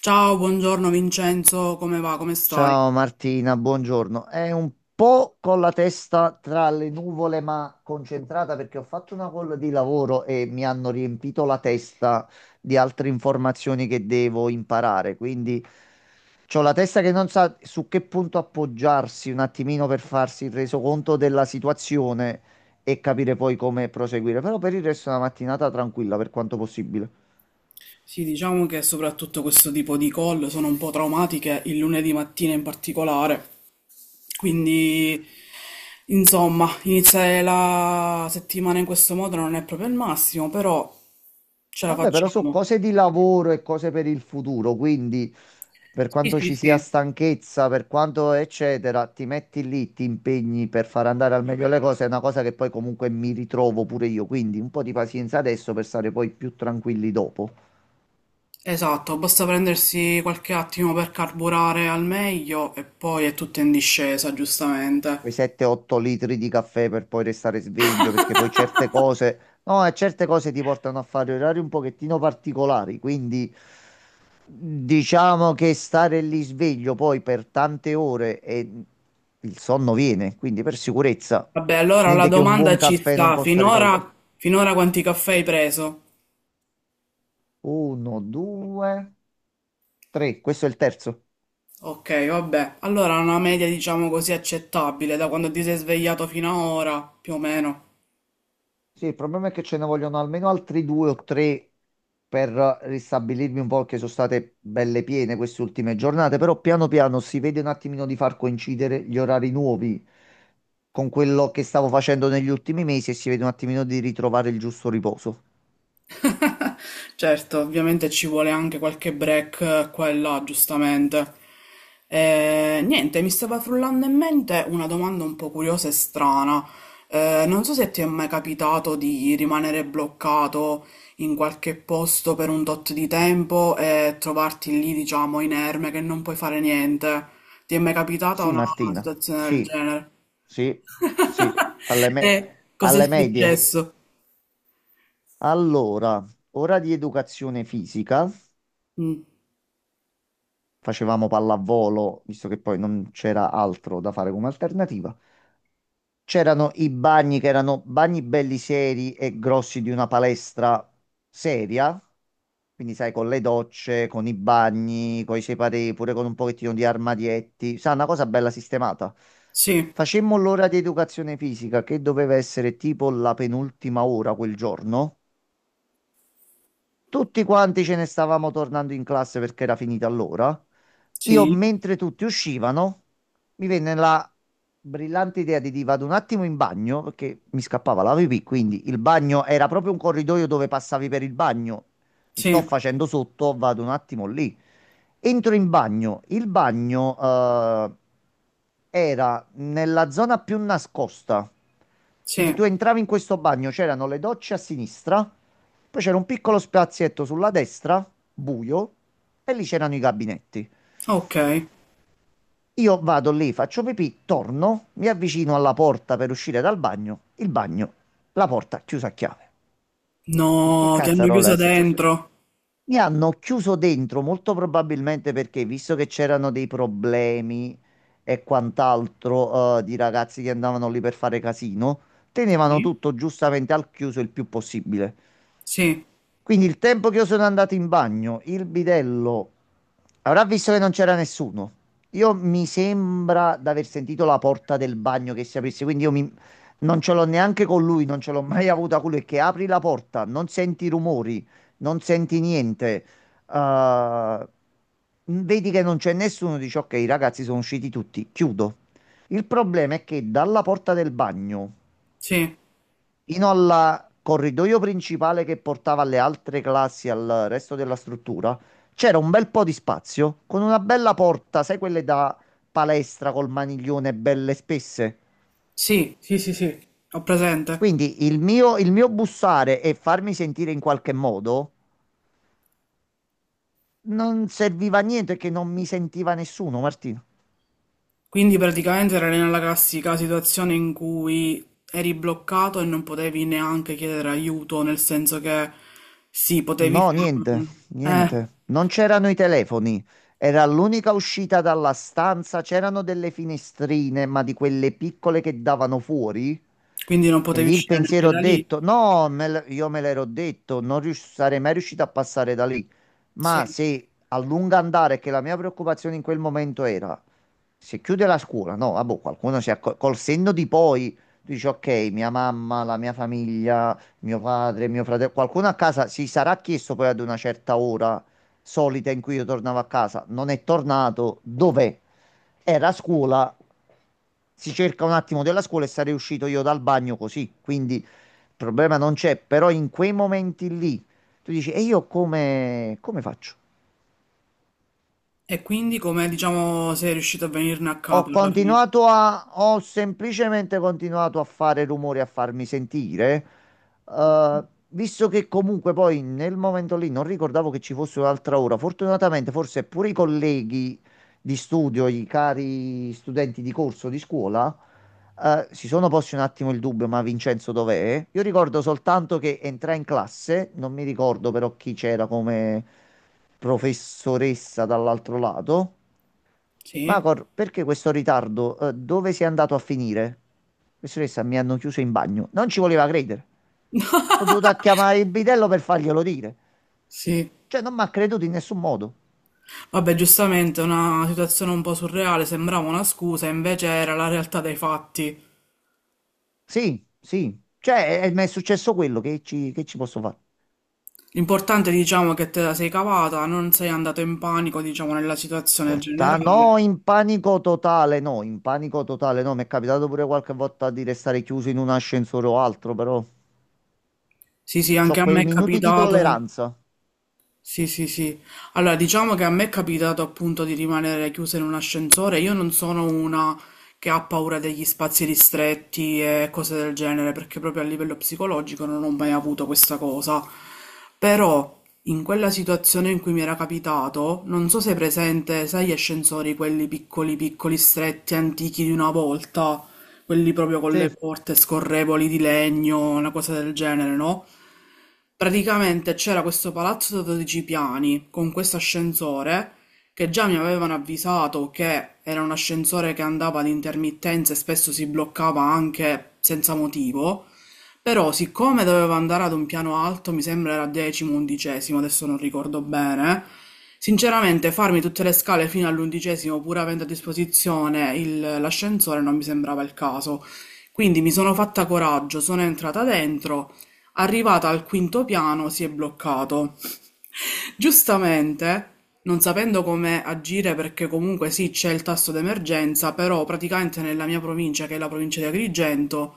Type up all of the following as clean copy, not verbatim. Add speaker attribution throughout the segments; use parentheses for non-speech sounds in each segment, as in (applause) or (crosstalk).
Speaker 1: Ciao, buongiorno Vincenzo, come va? Come stai?
Speaker 2: Ciao Martina, buongiorno. È un po' con la testa tra le nuvole, ma concentrata perché ho fatto una call di lavoro e mi hanno riempito la testa di altre informazioni che devo imparare. Quindi ho la testa che non sa su che punto appoggiarsi un attimino per farsi il resoconto della situazione e capire poi come proseguire. Però per il resto è una mattinata tranquilla per quanto possibile.
Speaker 1: Sì, diciamo che soprattutto questo tipo di call sono un po' traumatiche, il lunedì mattina in particolare. Quindi, insomma, iniziare la settimana in questo modo non è proprio il massimo, però ce la
Speaker 2: Vabbè, però sono
Speaker 1: facciamo.
Speaker 2: cose di lavoro e cose per il futuro, quindi per
Speaker 1: Sì,
Speaker 2: quanto
Speaker 1: sì,
Speaker 2: ci sia
Speaker 1: sì.
Speaker 2: stanchezza, per quanto eccetera, ti metti lì, ti impegni per far andare al meglio le cose, è una cosa che poi comunque mi ritrovo pure io, quindi un po' di pazienza adesso per stare poi più tranquilli dopo.
Speaker 1: Esatto, basta prendersi qualche attimo per carburare al meglio e poi è tutto in discesa, giustamente.
Speaker 2: Quei 7-8 litri di caffè per poi restare sveglio, perché poi certe cose, no, e certe cose ti portano a fare orari un pochettino particolari, quindi diciamo che stare lì sveglio poi per tante ore e il sonno viene, quindi per sicurezza,
Speaker 1: Vabbè, allora la
Speaker 2: niente che un buon
Speaker 1: domanda ci
Speaker 2: caffè non
Speaker 1: sta.
Speaker 2: possa risolvere.
Speaker 1: Finora quanti caffè hai preso?
Speaker 2: Uno, due, tre, questo è il terzo.
Speaker 1: Ok, vabbè. Allora una media diciamo così accettabile da quando ti sei svegliato fino a ora, più o meno.
Speaker 2: Sì, il problema è che ce ne vogliono almeno altri due o tre per ristabilirmi un po' che sono state belle piene queste ultime giornate, però piano piano si vede un attimino di far coincidere gli orari nuovi con quello che stavo facendo negli ultimi mesi e si vede un attimino di ritrovare il giusto riposo.
Speaker 1: Certo, ovviamente ci vuole anche qualche break qua e là, giustamente. Niente, mi stava frullando in mente una domanda un po' curiosa e strana. Non so se ti è mai capitato di rimanere bloccato in qualche posto per un tot di tempo e trovarti lì, diciamo, inerme, che non puoi fare niente. Ti è mai capitata
Speaker 2: Sì,
Speaker 1: una
Speaker 2: Martina,
Speaker 1: situazione del
Speaker 2: sì,
Speaker 1: genere?
Speaker 2: sì, sì,
Speaker 1: (laughs) E cos'è
Speaker 2: alle medie.
Speaker 1: successo?
Speaker 2: Allora, ora di educazione fisica.
Speaker 1: Mm,
Speaker 2: Facevamo pallavolo, visto che poi non c'era altro da fare come alternativa. C'erano i bagni che erano bagni belli seri e grossi di una palestra seria, quindi sai, con le docce, con i bagni, con i separé, pure con un pochettino di armadietti, sai, una cosa bella sistemata.
Speaker 1: sì,
Speaker 2: Facemmo l'ora di educazione fisica che doveva essere tipo la penultima ora quel giorno. Tutti quanti ce ne stavamo tornando in classe perché era finita l'ora. Io,
Speaker 1: sì,
Speaker 2: mentre tutti uscivano, mi venne la brillante idea di dire vado un attimo in bagno perché mi scappava la pipì, quindi il bagno era proprio un corridoio dove passavi per il bagno. Mi sto
Speaker 1: sì.
Speaker 2: facendo sotto, vado un attimo lì. Entro in bagno. Il bagno, era nella zona più nascosta. Quindi
Speaker 1: Sì,
Speaker 2: tu entravi in questo bagno, c'erano le docce a sinistra, poi c'era un piccolo spazietto sulla destra, buio, e lì c'erano i gabinetti.
Speaker 1: okay.
Speaker 2: Io vado lì, faccio pipì, torno, mi avvicino alla porta per uscire dal bagno, la porta chiusa a chiave. E che
Speaker 1: No, ti hanno
Speaker 2: cazzarola
Speaker 1: chiuso
Speaker 2: è successo?
Speaker 1: dentro.
Speaker 2: Mi hanno chiuso dentro, molto probabilmente perché, visto che c'erano dei problemi e quant'altro, di ragazzi che andavano lì per fare casino, tenevano
Speaker 1: Sì?
Speaker 2: tutto giustamente al chiuso il più possibile.
Speaker 1: Sì,
Speaker 2: Quindi il tempo che io sono andato in bagno, il bidello avrà visto che non c'era nessuno. Io mi sembra di aver sentito la porta del bagno che si aprisse, quindi non ce l'ho neanche con lui, non ce l'ho mai avuta con lui, che apri la porta, non senti rumori, non senti niente. eh, Vedi che non c'è nessuno, dici ok, i ragazzi sono usciti tutti, chiudo. Il problema è che dalla porta del bagno
Speaker 1: sì,
Speaker 2: fino al corridoio principale che portava alle altre classi, al resto della struttura, c'era un bel po' di spazio con una bella porta, sai quelle da palestra col maniglione belle spesse?
Speaker 1: sì, sì, sì, sì, ho presente.
Speaker 2: Quindi il mio bussare e farmi sentire in qualche modo non serviva a niente che non mi sentiva nessuno, Martino.
Speaker 1: Quindi praticamente era nella classica situazione in cui eri bloccato e non potevi neanche chiedere aiuto, nel senso che sì, potevi
Speaker 2: No,
Speaker 1: farlo.
Speaker 2: niente,
Speaker 1: Eh,
Speaker 2: niente. Non c'erano i telefoni. Era l'unica uscita dalla stanza. C'erano delle finestrine, ma di quelle piccole che davano fuori.
Speaker 1: quindi non
Speaker 2: E
Speaker 1: potevi
Speaker 2: lì il
Speaker 1: uscire neanche
Speaker 2: pensiero ho
Speaker 1: da lì.
Speaker 2: detto: no, io me l'ero detto, non rius- sarei mai riuscito a passare da lì.
Speaker 1: Sì.
Speaker 2: Ma se a lungo andare, che la mia preoccupazione in quel momento era se chiude la scuola, no, vabbè, col senno di poi, tu dici ok, mia mamma, la mia famiglia, mio padre, mio fratello, qualcuno a casa si sarà chiesto poi ad una certa ora solita in cui io tornavo a casa, non è tornato, dov'è? Era a scuola, si cerca un attimo della scuola e sarei uscito io dal bagno così, quindi il problema non c'è, però in quei momenti lì tu dici e io come, come faccio?
Speaker 1: E quindi come, diciamo, sei riuscito a venirne a capo alla fine?
Speaker 2: Ho semplicemente continuato a fare rumore, a farmi sentire, visto che comunque poi nel momento lì non ricordavo che ci fosse un'altra ora. Fortunatamente, forse pure i colleghi di studio, i cari studenti di corso di scuola, si sono posti un attimo il dubbio, ma Vincenzo dov'è? Io ricordo soltanto che entrai in classe, non mi ricordo però chi c'era come professoressa dall'altro lato.
Speaker 1: Sì?
Speaker 2: Macor, perché questo ritardo? Dove sei andato a finire? Professoressa, mi hanno chiuso in bagno. Non ci voleva credere. Sono dovuto a chiamare il bidello per farglielo dire.
Speaker 1: Sì.
Speaker 2: Cioè, non mi ha creduto in nessun modo.
Speaker 1: Vabbè, giustamente una situazione un po' surreale, sembrava una scusa, invece era la realtà dei fatti.
Speaker 2: Sì, sì. Cioè, mi è successo quello che che ci posso fare?
Speaker 1: L'importante, diciamo, è che te la sei cavata, non sei andato in panico, diciamo, nella situazione
Speaker 2: Porta, no,
Speaker 1: generale.
Speaker 2: in panico totale, no, in panico totale, no. Mi è capitato pure qualche volta di restare chiuso in un ascensore o altro, però
Speaker 1: Sì, sì, anche
Speaker 2: c'ho
Speaker 1: a me
Speaker 2: quei
Speaker 1: è
Speaker 2: minuti di
Speaker 1: capitato.
Speaker 2: tolleranza.
Speaker 1: Sì, sì, sì. Allora, diciamo che a me è capitato appunto di rimanere chiusa in un ascensore. Io non sono una che ha paura degli spazi ristretti e cose del genere, perché proprio a livello psicologico non ho mai avuto questa cosa. Però, in quella situazione in cui mi era capitato, non so se è presente, sai, gli ascensori, quelli piccoli, piccoli, stretti, antichi di una volta, quelli proprio con
Speaker 2: Sì,
Speaker 1: le porte scorrevoli di legno, una cosa del genere, no? Praticamente c'era questo palazzo da 12 piani con questo ascensore che già mi avevano avvisato che era un ascensore che andava ad intermittenza e spesso si bloccava anche senza motivo. Però, siccome dovevo andare ad un piano alto, mi sembra era 10º, 11º, adesso non ricordo bene. Sinceramente, farmi tutte le scale fino all'11º, pur avendo a disposizione l'ascensore, non mi sembrava il caso. Quindi mi sono fatta coraggio, sono entrata dentro, arrivata al quinto piano si è bloccato. Giustamente, non sapendo come agire perché comunque sì, c'è il tasto d'emergenza, però praticamente nella mia provincia, che è la provincia di Agrigento,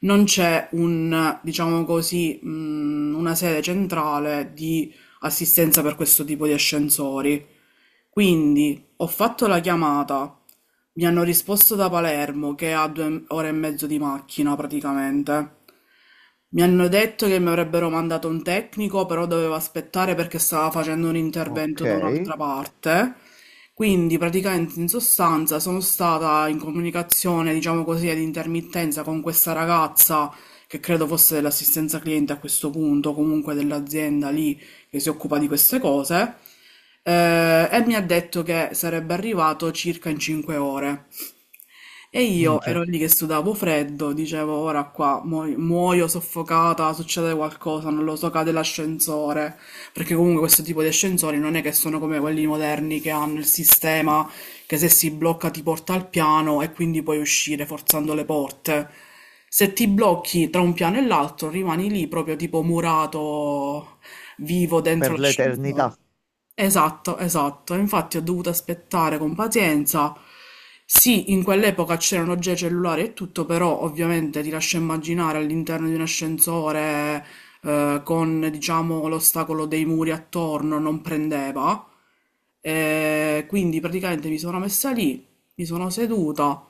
Speaker 1: non c'è un, diciamo così, una sede centrale di assistenza per questo tipo di ascensori. Quindi ho fatto la chiamata, mi hanno risposto da Palermo, che è a 2 ore e mezzo di macchina praticamente. Mi hanno detto che mi avrebbero mandato un tecnico, però dovevo aspettare perché stava facendo un intervento
Speaker 2: ok.
Speaker 1: da un'altra parte. Quindi praticamente in sostanza sono stata in comunicazione, diciamo così, ad intermittenza con questa ragazza che credo fosse dell'assistenza cliente a questo punto, comunque dell'azienda lì che si occupa di queste cose, e mi ha detto che sarebbe arrivato circa in 5 ore. E io
Speaker 2: Minchia,
Speaker 1: ero lì che sudavo freddo, dicevo ora qua muoio soffocata, succede qualcosa, non lo so, cade l'ascensore, perché comunque questo tipo di ascensori non è che sono come quelli moderni che hanno il sistema che se si blocca ti porta al piano e quindi puoi uscire forzando le porte. Se ti blocchi tra un piano e l'altro rimani lì proprio tipo murato vivo
Speaker 2: per
Speaker 1: dentro
Speaker 2: l'eternità.
Speaker 1: l'ascensore. Esatto, esatto. Infatti ho dovuto aspettare con pazienza. Sì, in quell'epoca c'erano già i cellulari e tutto, però ovviamente ti lascio immaginare all'interno di un ascensore con, diciamo, l'ostacolo dei muri attorno non prendeva. E quindi praticamente mi sono messa lì, mi sono seduta,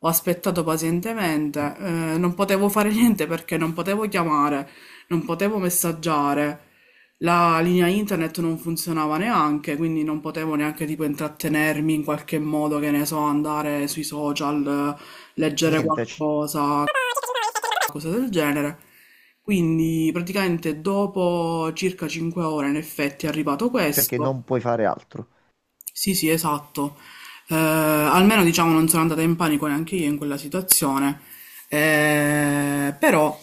Speaker 1: ho aspettato pazientemente, non potevo fare (laughs) niente perché non potevo chiamare, non potevo messaggiare. La linea internet non funzionava neanche, quindi non potevo neanche tipo intrattenermi in qualche modo, che ne so, andare sui social, leggere
Speaker 2: Niente, c-
Speaker 1: qualcosa, cose del genere. Quindi praticamente dopo circa 5 ore in effetti è arrivato
Speaker 2: cioè che
Speaker 1: questo.
Speaker 2: non puoi fare altro.
Speaker 1: Sì, sì, esatto. Almeno diciamo non sono andata in panico neanche io in quella situazione. Però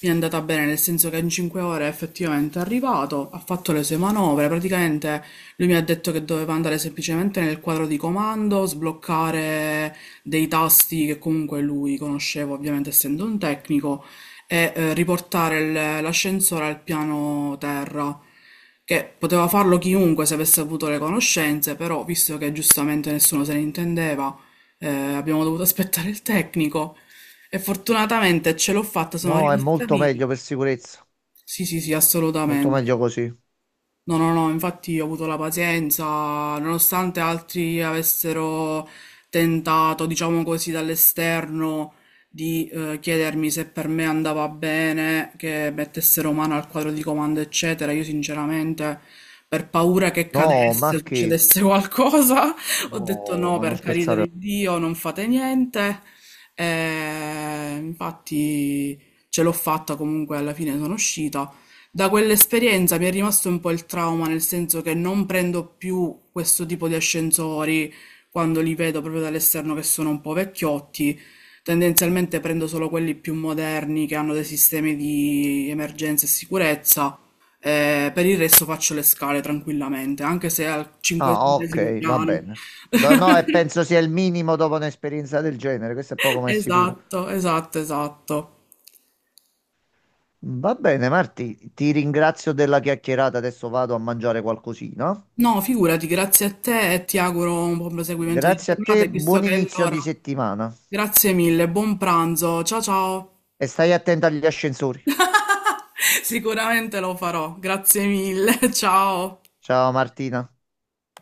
Speaker 1: mi è andata bene nel senso che in 5 ore è effettivamente arrivato, ha fatto le sue manovre, praticamente lui mi ha detto che doveva andare semplicemente nel quadro di comando, sbloccare dei tasti che comunque lui conosceva ovviamente essendo un tecnico e riportare l'ascensore al piano terra, che poteva farlo chiunque se avesse avuto le conoscenze, però visto che giustamente nessuno se ne intendeva, abbiamo dovuto aspettare il tecnico e fortunatamente ce l'ho fatta, sono
Speaker 2: No, è
Speaker 1: rimasta
Speaker 2: molto
Speaker 1: viva.
Speaker 2: meglio per sicurezza,
Speaker 1: Sì, sì, sì,
Speaker 2: molto
Speaker 1: assolutamente.
Speaker 2: meglio così.
Speaker 1: No, no, no, infatti ho avuto la pazienza, nonostante altri avessero tentato, diciamo così, dall'esterno di chiedermi se per me andava bene, che mettessero mano al quadro di comando, eccetera, io sinceramente, per paura che
Speaker 2: No,
Speaker 1: cadesse,
Speaker 2: ma che?
Speaker 1: succedesse qualcosa, (laughs) ho detto
Speaker 2: No,
Speaker 1: no,
Speaker 2: ma non
Speaker 1: per carità
Speaker 2: scherzare.
Speaker 1: di Dio, non fate niente. E infatti ce l'ho fatta comunque, alla fine sono uscita. Da quell'esperienza mi è rimasto un po' il trauma, nel senso che non prendo più questo tipo di ascensori quando li vedo proprio dall'esterno che sono un po' vecchiotti. Tendenzialmente prendo solo quelli più moderni che hanno dei sistemi di emergenza e sicurezza. Per il resto faccio le scale tranquillamente, anche se al
Speaker 2: Ah,
Speaker 1: cinquecentesimo
Speaker 2: ok, va
Speaker 1: piano.
Speaker 2: bene. No,
Speaker 1: (laughs)
Speaker 2: no, e penso sia il minimo dopo un'esperienza del genere, questo è poco ma è sicuro.
Speaker 1: Esatto, esatto, esatto.
Speaker 2: Va bene, Marti, ti ringrazio della chiacchierata, adesso vado a mangiare qualcosina.
Speaker 1: No, figurati, grazie a te e ti auguro un buon proseguimento di
Speaker 2: Grazie a
Speaker 1: giornata,
Speaker 2: te,
Speaker 1: e visto
Speaker 2: buon
Speaker 1: che è
Speaker 2: inizio
Speaker 1: l'ora.
Speaker 2: di settimana
Speaker 1: Grazie mille, buon pranzo. Ciao ciao.
Speaker 2: e stai attento agli ascensori.
Speaker 1: (laughs) Sicuramente lo farò. Grazie mille. (laughs) Ciao.
Speaker 2: Ciao Martina.